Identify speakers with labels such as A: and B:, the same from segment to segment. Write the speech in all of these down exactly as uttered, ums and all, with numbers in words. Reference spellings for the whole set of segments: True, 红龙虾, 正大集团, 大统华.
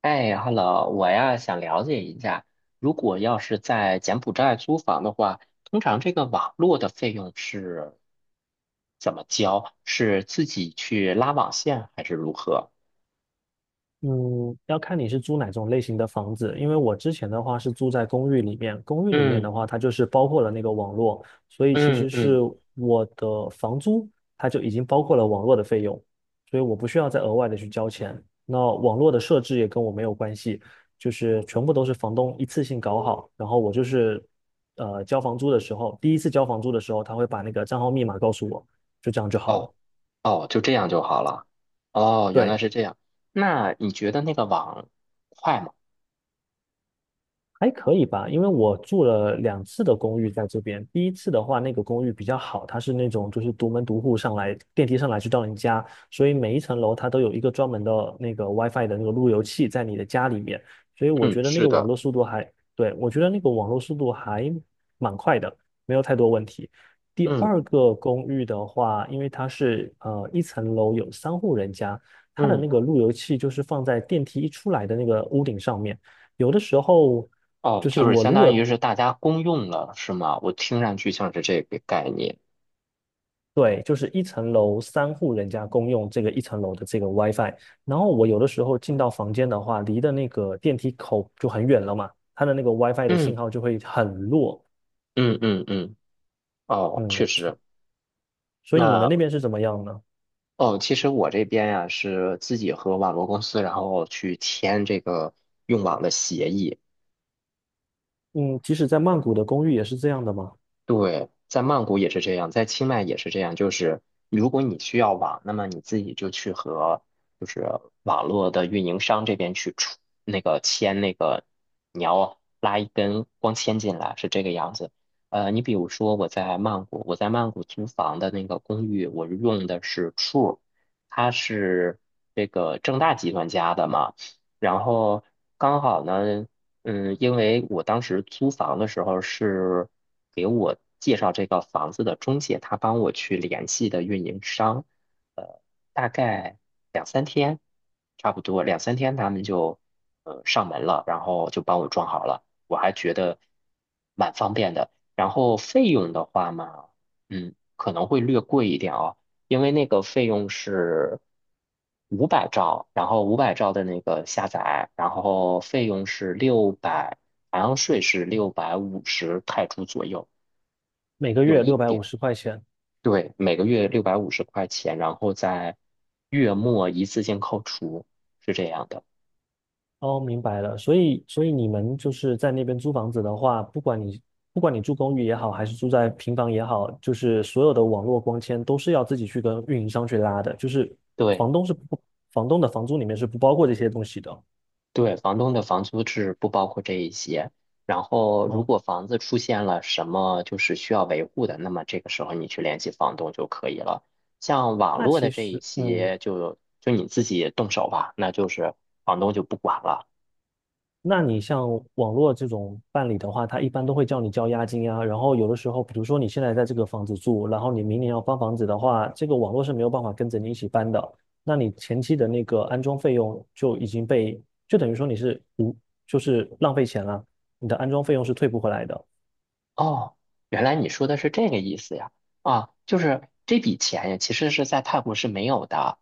A: 哎，Hello，我呀想了解一下，如果要是在柬埔寨租房的话，通常这个网络的费用是怎么交？是自己去拉网线还是如何？
B: 嗯，要看你是租哪种类型的房子，因为我之前的话是住在公寓里面。公寓里面
A: 嗯
B: 的话，它就是包括了那个网络，所以其
A: 嗯
B: 实是
A: 嗯，
B: 我的房租它就已经包括了网络的费用，所以我不需要再额外的去交钱。那网络的设置也跟我没有关系，就是全部都是房东一次性搞好。然后我就是呃交房租的时候，第一次交房租的时候，他会把那个账号密码告诉我，就这样就好了。
A: 哦哦，就这样就好了。哦，原来
B: 对。
A: 是这样。那你觉得那个网快吗？
B: 还可以吧，因为我住了两次的公寓在这边。第一次的话，那个公寓比较好，它是那种就是独门独户上来，电梯上来就到你家，所以每一层楼它都有一个专门的那个 WiFi 的那个路由器在你的家里面，所以我
A: 嗯，
B: 觉得那
A: 是
B: 个网
A: 的。
B: 络速度还，对，我觉得那个网络速度还蛮快的，没有太多问题。第
A: 嗯
B: 二个公寓的话，因为它是呃一层楼有三户人家，它的
A: 嗯，
B: 那个路由器就是放在电梯一出来的那个屋顶上面。有的时候
A: 哦，
B: 就是
A: 就是
B: 我
A: 相
B: 如
A: 当于
B: 果
A: 是大家公用了，是吗？我听上去像是这个概念。
B: 对，就是一层楼三户人家公用这个一层楼的这个 WiFi。然后我有的时候进到房间的话，离的那个电梯口就很远了嘛，它的那个 WiFi 的信
A: 嗯
B: 号就会很弱。
A: 嗯嗯嗯，哦，确
B: 嗯，
A: 实。
B: 所以你们
A: 那
B: 那边是怎么样呢？
A: 哦，其实我这边呀，是自己和网络公司，然后去签这个用网的协议。
B: 嗯，即使在曼谷的公寓也是这样的吗？
A: 对，在曼谷也是这样，在清迈也是这样。就是如果你需要网，那么你自己就去和就是网络的运营商这边去出那个签那个，你要拉一根光纤进来，是这个样子。呃，你比如说我在曼谷，我在曼谷租房的那个公寓，我用的是 True，它是这个正大集团家的嘛。然后刚好呢。嗯，因为我当时租房的时候是给我介绍这个房子的中介，他帮我去联系的运营商，呃，大概两三天，差不多两三天他们就呃上门了，然后就帮我装好了，我还觉得蛮方便的。然后费用的话嘛，嗯，可能会略贵一点哦，因为那个费用是五百兆，然后五百兆的那个下载，然后费用是六百，好像税是六百五十泰铢左右，
B: 每个
A: 有
B: 月
A: 一
B: 六百
A: 点，
B: 五十块钱。
A: 对，每个月六百五十块钱，然后在月末一次性扣除，是这样的。
B: 哦，明白了。所以，所以你们就是在那边租房子的话，不管你不管你住公寓也好，还是住在平房也好，就是所有的网络光纤都是要自己去跟运营商去拉的。就是
A: 对。
B: 房东是不，房东的房租里面是不包括这些东西的。
A: 对，房东的房租是不包括这一些。然后，如
B: 哦，
A: 果房子出现了什么就是需要维护的，那么这个时候你去联系房东就可以了。像网
B: 那
A: 络的
B: 其
A: 这一
B: 实，嗯。
A: 些，就就你自己动手吧，那就是房东就不管了。
B: 那你像网络这种办理的话，他一般都会叫你交押金呀。然后有的时候，比如说你现在在这个房子住，然后你明年要搬房子的话，这个网络是没有办法跟着你一起搬的。那你前期的那个安装费用就已经被，就等于说你是无，就是浪费钱了，你的安装费用是退不回来的。
A: 哦，原来你说的是这个意思呀！啊，就是这笔钱呀，其实是在泰国是没有的。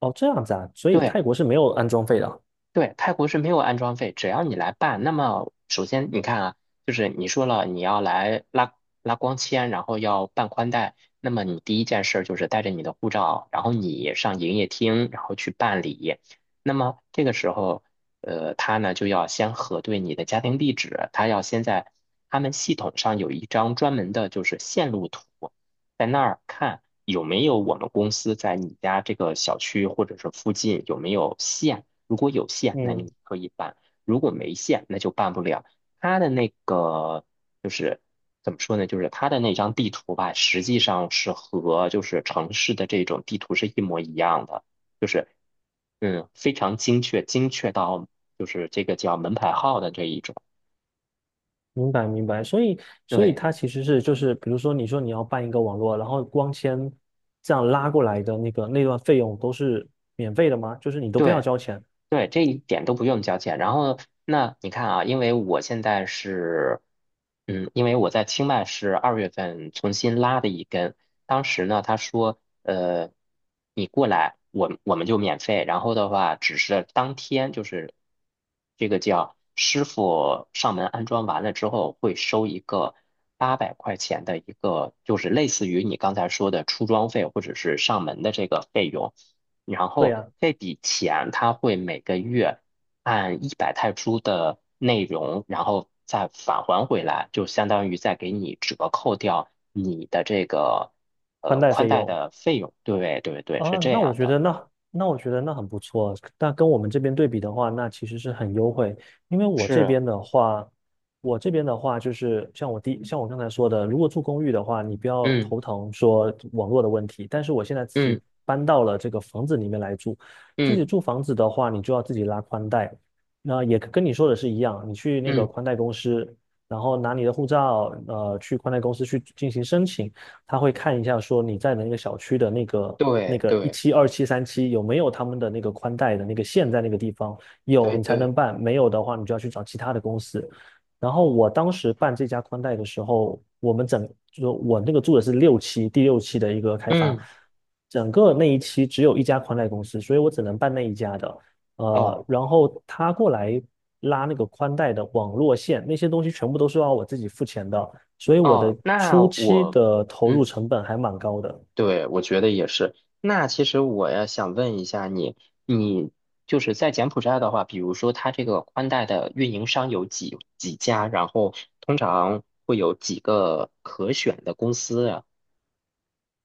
B: 哦，这样子啊，所以
A: 对，
B: 泰国是没有安装费的啊。
A: 对，泰国是没有安装费，只要你来办，那么首先你看啊，就是你说了你要来拉拉光纤，然后要办宽带，那么你第一件事儿就是带着你的护照，然后你上营业厅，然后去办理。那么这个时候，呃，他呢就要先核对你的家庭地址，他要先在他们系统上有一张专门的就是线路图，在那儿看有没有我们公司在你家这个小区或者是附近有没有线。如果有线，那
B: 嗯
A: 你可以办；如果没线，那就办不了。他的那个怎么说呢？就是他的那张地图吧，实际上是和就是城市的这种地图是一模一样的，就是嗯非常精确，精确到就是这个叫门牌号的这一种。
B: 明白明白。所以所以
A: 对
B: 它其实是就是，比如说你说你要办一个网络，然后光纤这样拉过来的那个那段费用都是免费的吗？就是你都不要
A: 对。
B: 交钱？
A: 对，这一点都不用交钱。然后，那你看啊，因为我现在是，嗯，因为我在清迈是二月份重新拉的一根，当时呢，他说，呃，你过来，我我们就免费。然后的话，只是当天就是这个叫师傅上门安装完了之后，会收一个八百块钱的一个，就是类似于你刚才说的出装费或者是上门的这个费用。然
B: 对
A: 后
B: 呀，
A: 这笔钱他会每个月按一百泰铢的内容，然后再返还回来，就相当于再给你折扣掉你的这个
B: 宽
A: 呃
B: 带
A: 宽
B: 费
A: 带
B: 用。
A: 的费用。对对对，是
B: 啊，
A: 这
B: 那我
A: 样
B: 觉
A: 的，
B: 得那那我觉得那很不错。但跟我们这边对比的话，那其实是很优惠。因为我这
A: 是，
B: 边的话，我这边的话就是像我第像我刚才说的，如果住公寓的话，你不要
A: 嗯
B: 头疼说网络的问题。但是我现在自己
A: 嗯
B: 搬到了这个房子里面来住，自己
A: 嗯
B: 住房子的话，你就要自己拉宽带。那也跟你说的是一样，你去那个
A: 嗯，
B: 宽带公司，然后拿你的护照，呃，去宽带公司去进行申请。他会看一下说你在的那个小区的那个那
A: 对
B: 个一
A: 对
B: 期、二期、三期有没有他们的那个宽带的那个线在那个地方，有
A: 对
B: 你才能
A: 对，
B: 办，没有的话你就要去找其他的公司。然后我当时办这家宽带的时候，我们整就我那个住的是六期，第六期的一个开发，
A: 嗯，
B: 整个那一期只有一家宽带公司，所以我只能办那一家的。呃，
A: 哦
B: 然后他过来拉那个宽带的网络线，那些东西全部都是要我自己付钱的。所以我
A: 哦，
B: 的
A: 那
B: 初期
A: 我。
B: 的投入
A: 嗯。
B: 成本还蛮高的。
A: 对，我觉得也是。那其实我也想问一下你，你就是在柬埔寨的话，比如说它这个宽带的运营商有几几家，然后通常会有几个可选的公司呀？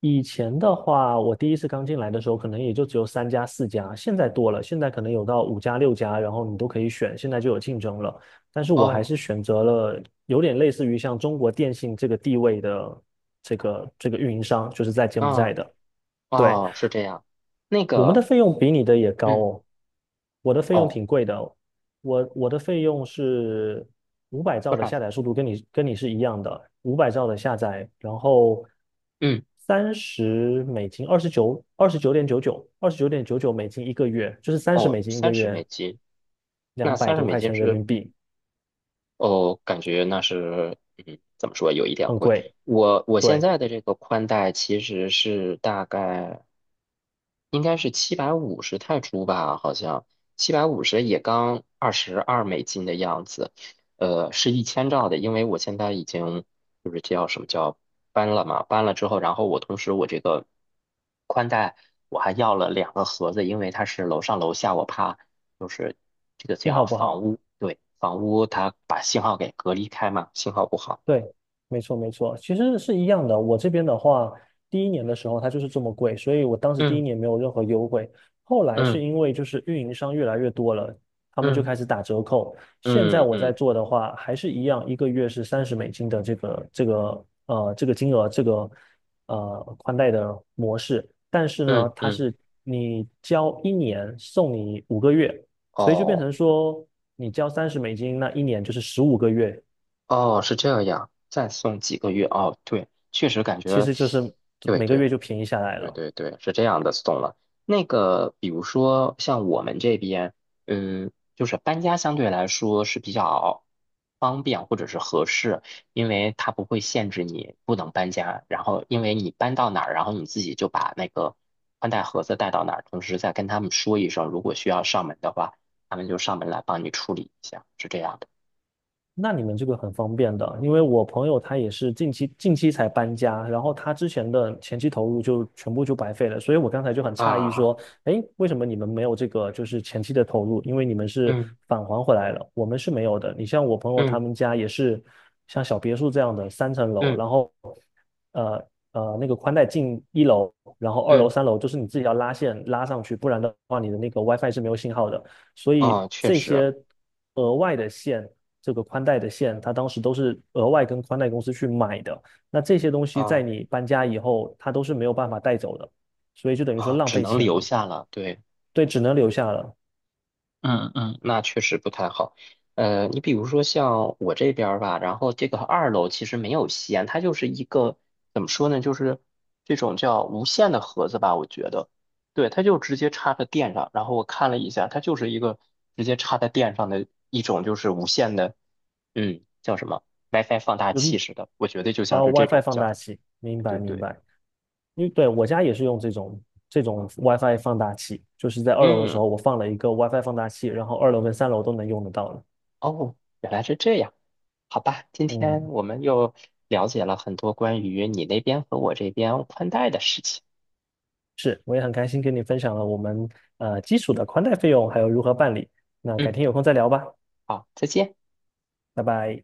B: 以前的话，我第一次刚进来的时候，可能也就只有三家、四家，现在多了，现在可能有到五家、六家，然后你都可以选，现在就有竞争了。但是我还
A: 哦，
B: 是选择了有点类似于像中国电信这个地位的这个这个运营商，就是在柬埔寨
A: 啊，
B: 的。对，
A: 哦，是这样。那
B: 我们的
A: 个，
B: 费用比你的也高
A: 嗯，
B: 哦，我的费用
A: 哦，
B: 挺贵的哦。我我的费用是五百兆
A: 多
B: 的
A: 少？
B: 下载速度跟你跟你是一样的。五百兆的下载，然后
A: 嗯，
B: 三十美金，二十九二十九点九九，二十九点九九美金一个月，就是三十
A: 哦，
B: 美金一个
A: 三十
B: 月，
A: 美金。那
B: 两百
A: 三十
B: 多
A: 美
B: 块
A: 金
B: 钱人
A: 是
B: 民币。
A: 哦，感觉那是，嗯，怎么说，有一点
B: 很
A: 贵。
B: 贵。
A: 我我现
B: 对，
A: 在的这个宽带其实是大概应该是七百五十泰铢吧，好像七百五十也刚二十二美金的样子，呃，是一千兆的，因为我现在已经就是叫什么叫搬了嘛，搬了之后，然后我同时我这个宽带我还要了两个盒子，因为它是楼上楼下，我怕就是这个
B: 信
A: 叫
B: 号不
A: 房
B: 好？
A: 屋，对，房屋它把信号给隔离开嘛，信号不好。
B: 对，没错没错，其实是一样的。我这边的话，第一年的时候它就是这么贵，所以我当时第一
A: 嗯
B: 年没有任何优惠。后来是
A: 嗯
B: 因为就是运营商越来越多了，他们就
A: 嗯
B: 开始打折扣。现在
A: 嗯
B: 我在
A: 嗯
B: 做的话，还是一样，一个月是三十美金的这个这个呃这个金额，这个呃宽带的模式，但是呢，
A: 嗯
B: 它
A: 嗯，
B: 是你交一年送你五个月，所以就变
A: 哦
B: 成说你交三十美金，那一年就是十五个月，
A: 哦，是这样，再送几个月哦，对，确实感
B: 其
A: 觉，
B: 实就是
A: 对
B: 每个
A: 对。
B: 月就便宜下来
A: 对
B: 了。
A: 对对，是这样的 s t 了。那个，比如说像我们这边，嗯，就是搬家相对来说是比较方便或者是合适，因为它不会限制你不能搬家，然后因为你搬到哪儿，然后你自己就把那个宽带盒子带到哪儿，同时再跟他们说一声，如果需要上门的话，他们就上门来帮你处理一下，是这样的。
B: 那你们这个很方便的，因为我朋友他也是近期近期才搬家。然后他之前的前期投入就全部就白费了，所以我刚才就很诧异
A: 啊，
B: 说，哎，为什么你们没有这个就是前期的投入？因为你们是
A: 嗯
B: 返还回来了，我们是没有的。你像我朋友他
A: 嗯
B: 们家也是像小别墅这样的三层楼，
A: 嗯
B: 然后呃呃那个宽带进一楼，然后二楼
A: 嗯，
B: 三楼就是你自己要拉线拉上去，不然的话你的那个 WiFi 是没有信号的，所以
A: 啊，确
B: 这
A: 实，
B: 些额外的线。这个宽带的线，它当时都是额外跟宽带公司去买的。那这些东西在
A: 啊
B: 你搬家以后，它都是没有办法带走的，所以就等于说
A: 啊，
B: 浪
A: 只
B: 费
A: 能
B: 钱
A: 留
B: 了。
A: 下了，对。
B: 对，只能留下了。
A: 嗯嗯那确实不太好。呃，你比如说像我这边儿吧，然后这个二楼其实没有吸烟，它就是一个怎么说呢，就是这种叫无线的盒子吧，我觉得，对，它就直接插在电上。然后我看了一下，它就是一个直接插在电上的一种，就是无线的，嗯，叫什么 WiFi 放大器
B: 就
A: 似的，我觉得就
B: 啊
A: 像
B: 呃
A: 是这
B: ，WiFi
A: 种
B: 放大
A: 叫，
B: 器，明
A: 对
B: 白
A: 对
B: 明
A: 对，
B: 白。因为对，我家也是用这种这种 WiFi 放大器，就是在二楼的时候我放了一个 WiFi 放大器，然后二楼跟三楼都能用得到了。
A: 哦，原来是这样。好吧，今天
B: 嗯，
A: 我们又了解了很多关于你那边和我这边宽带的事情。
B: 是。我也很开心跟你分享了我们呃基础的宽带费用还有如何办理。那改
A: 嗯，
B: 天有空再聊吧，
A: 好，再见。
B: 拜拜。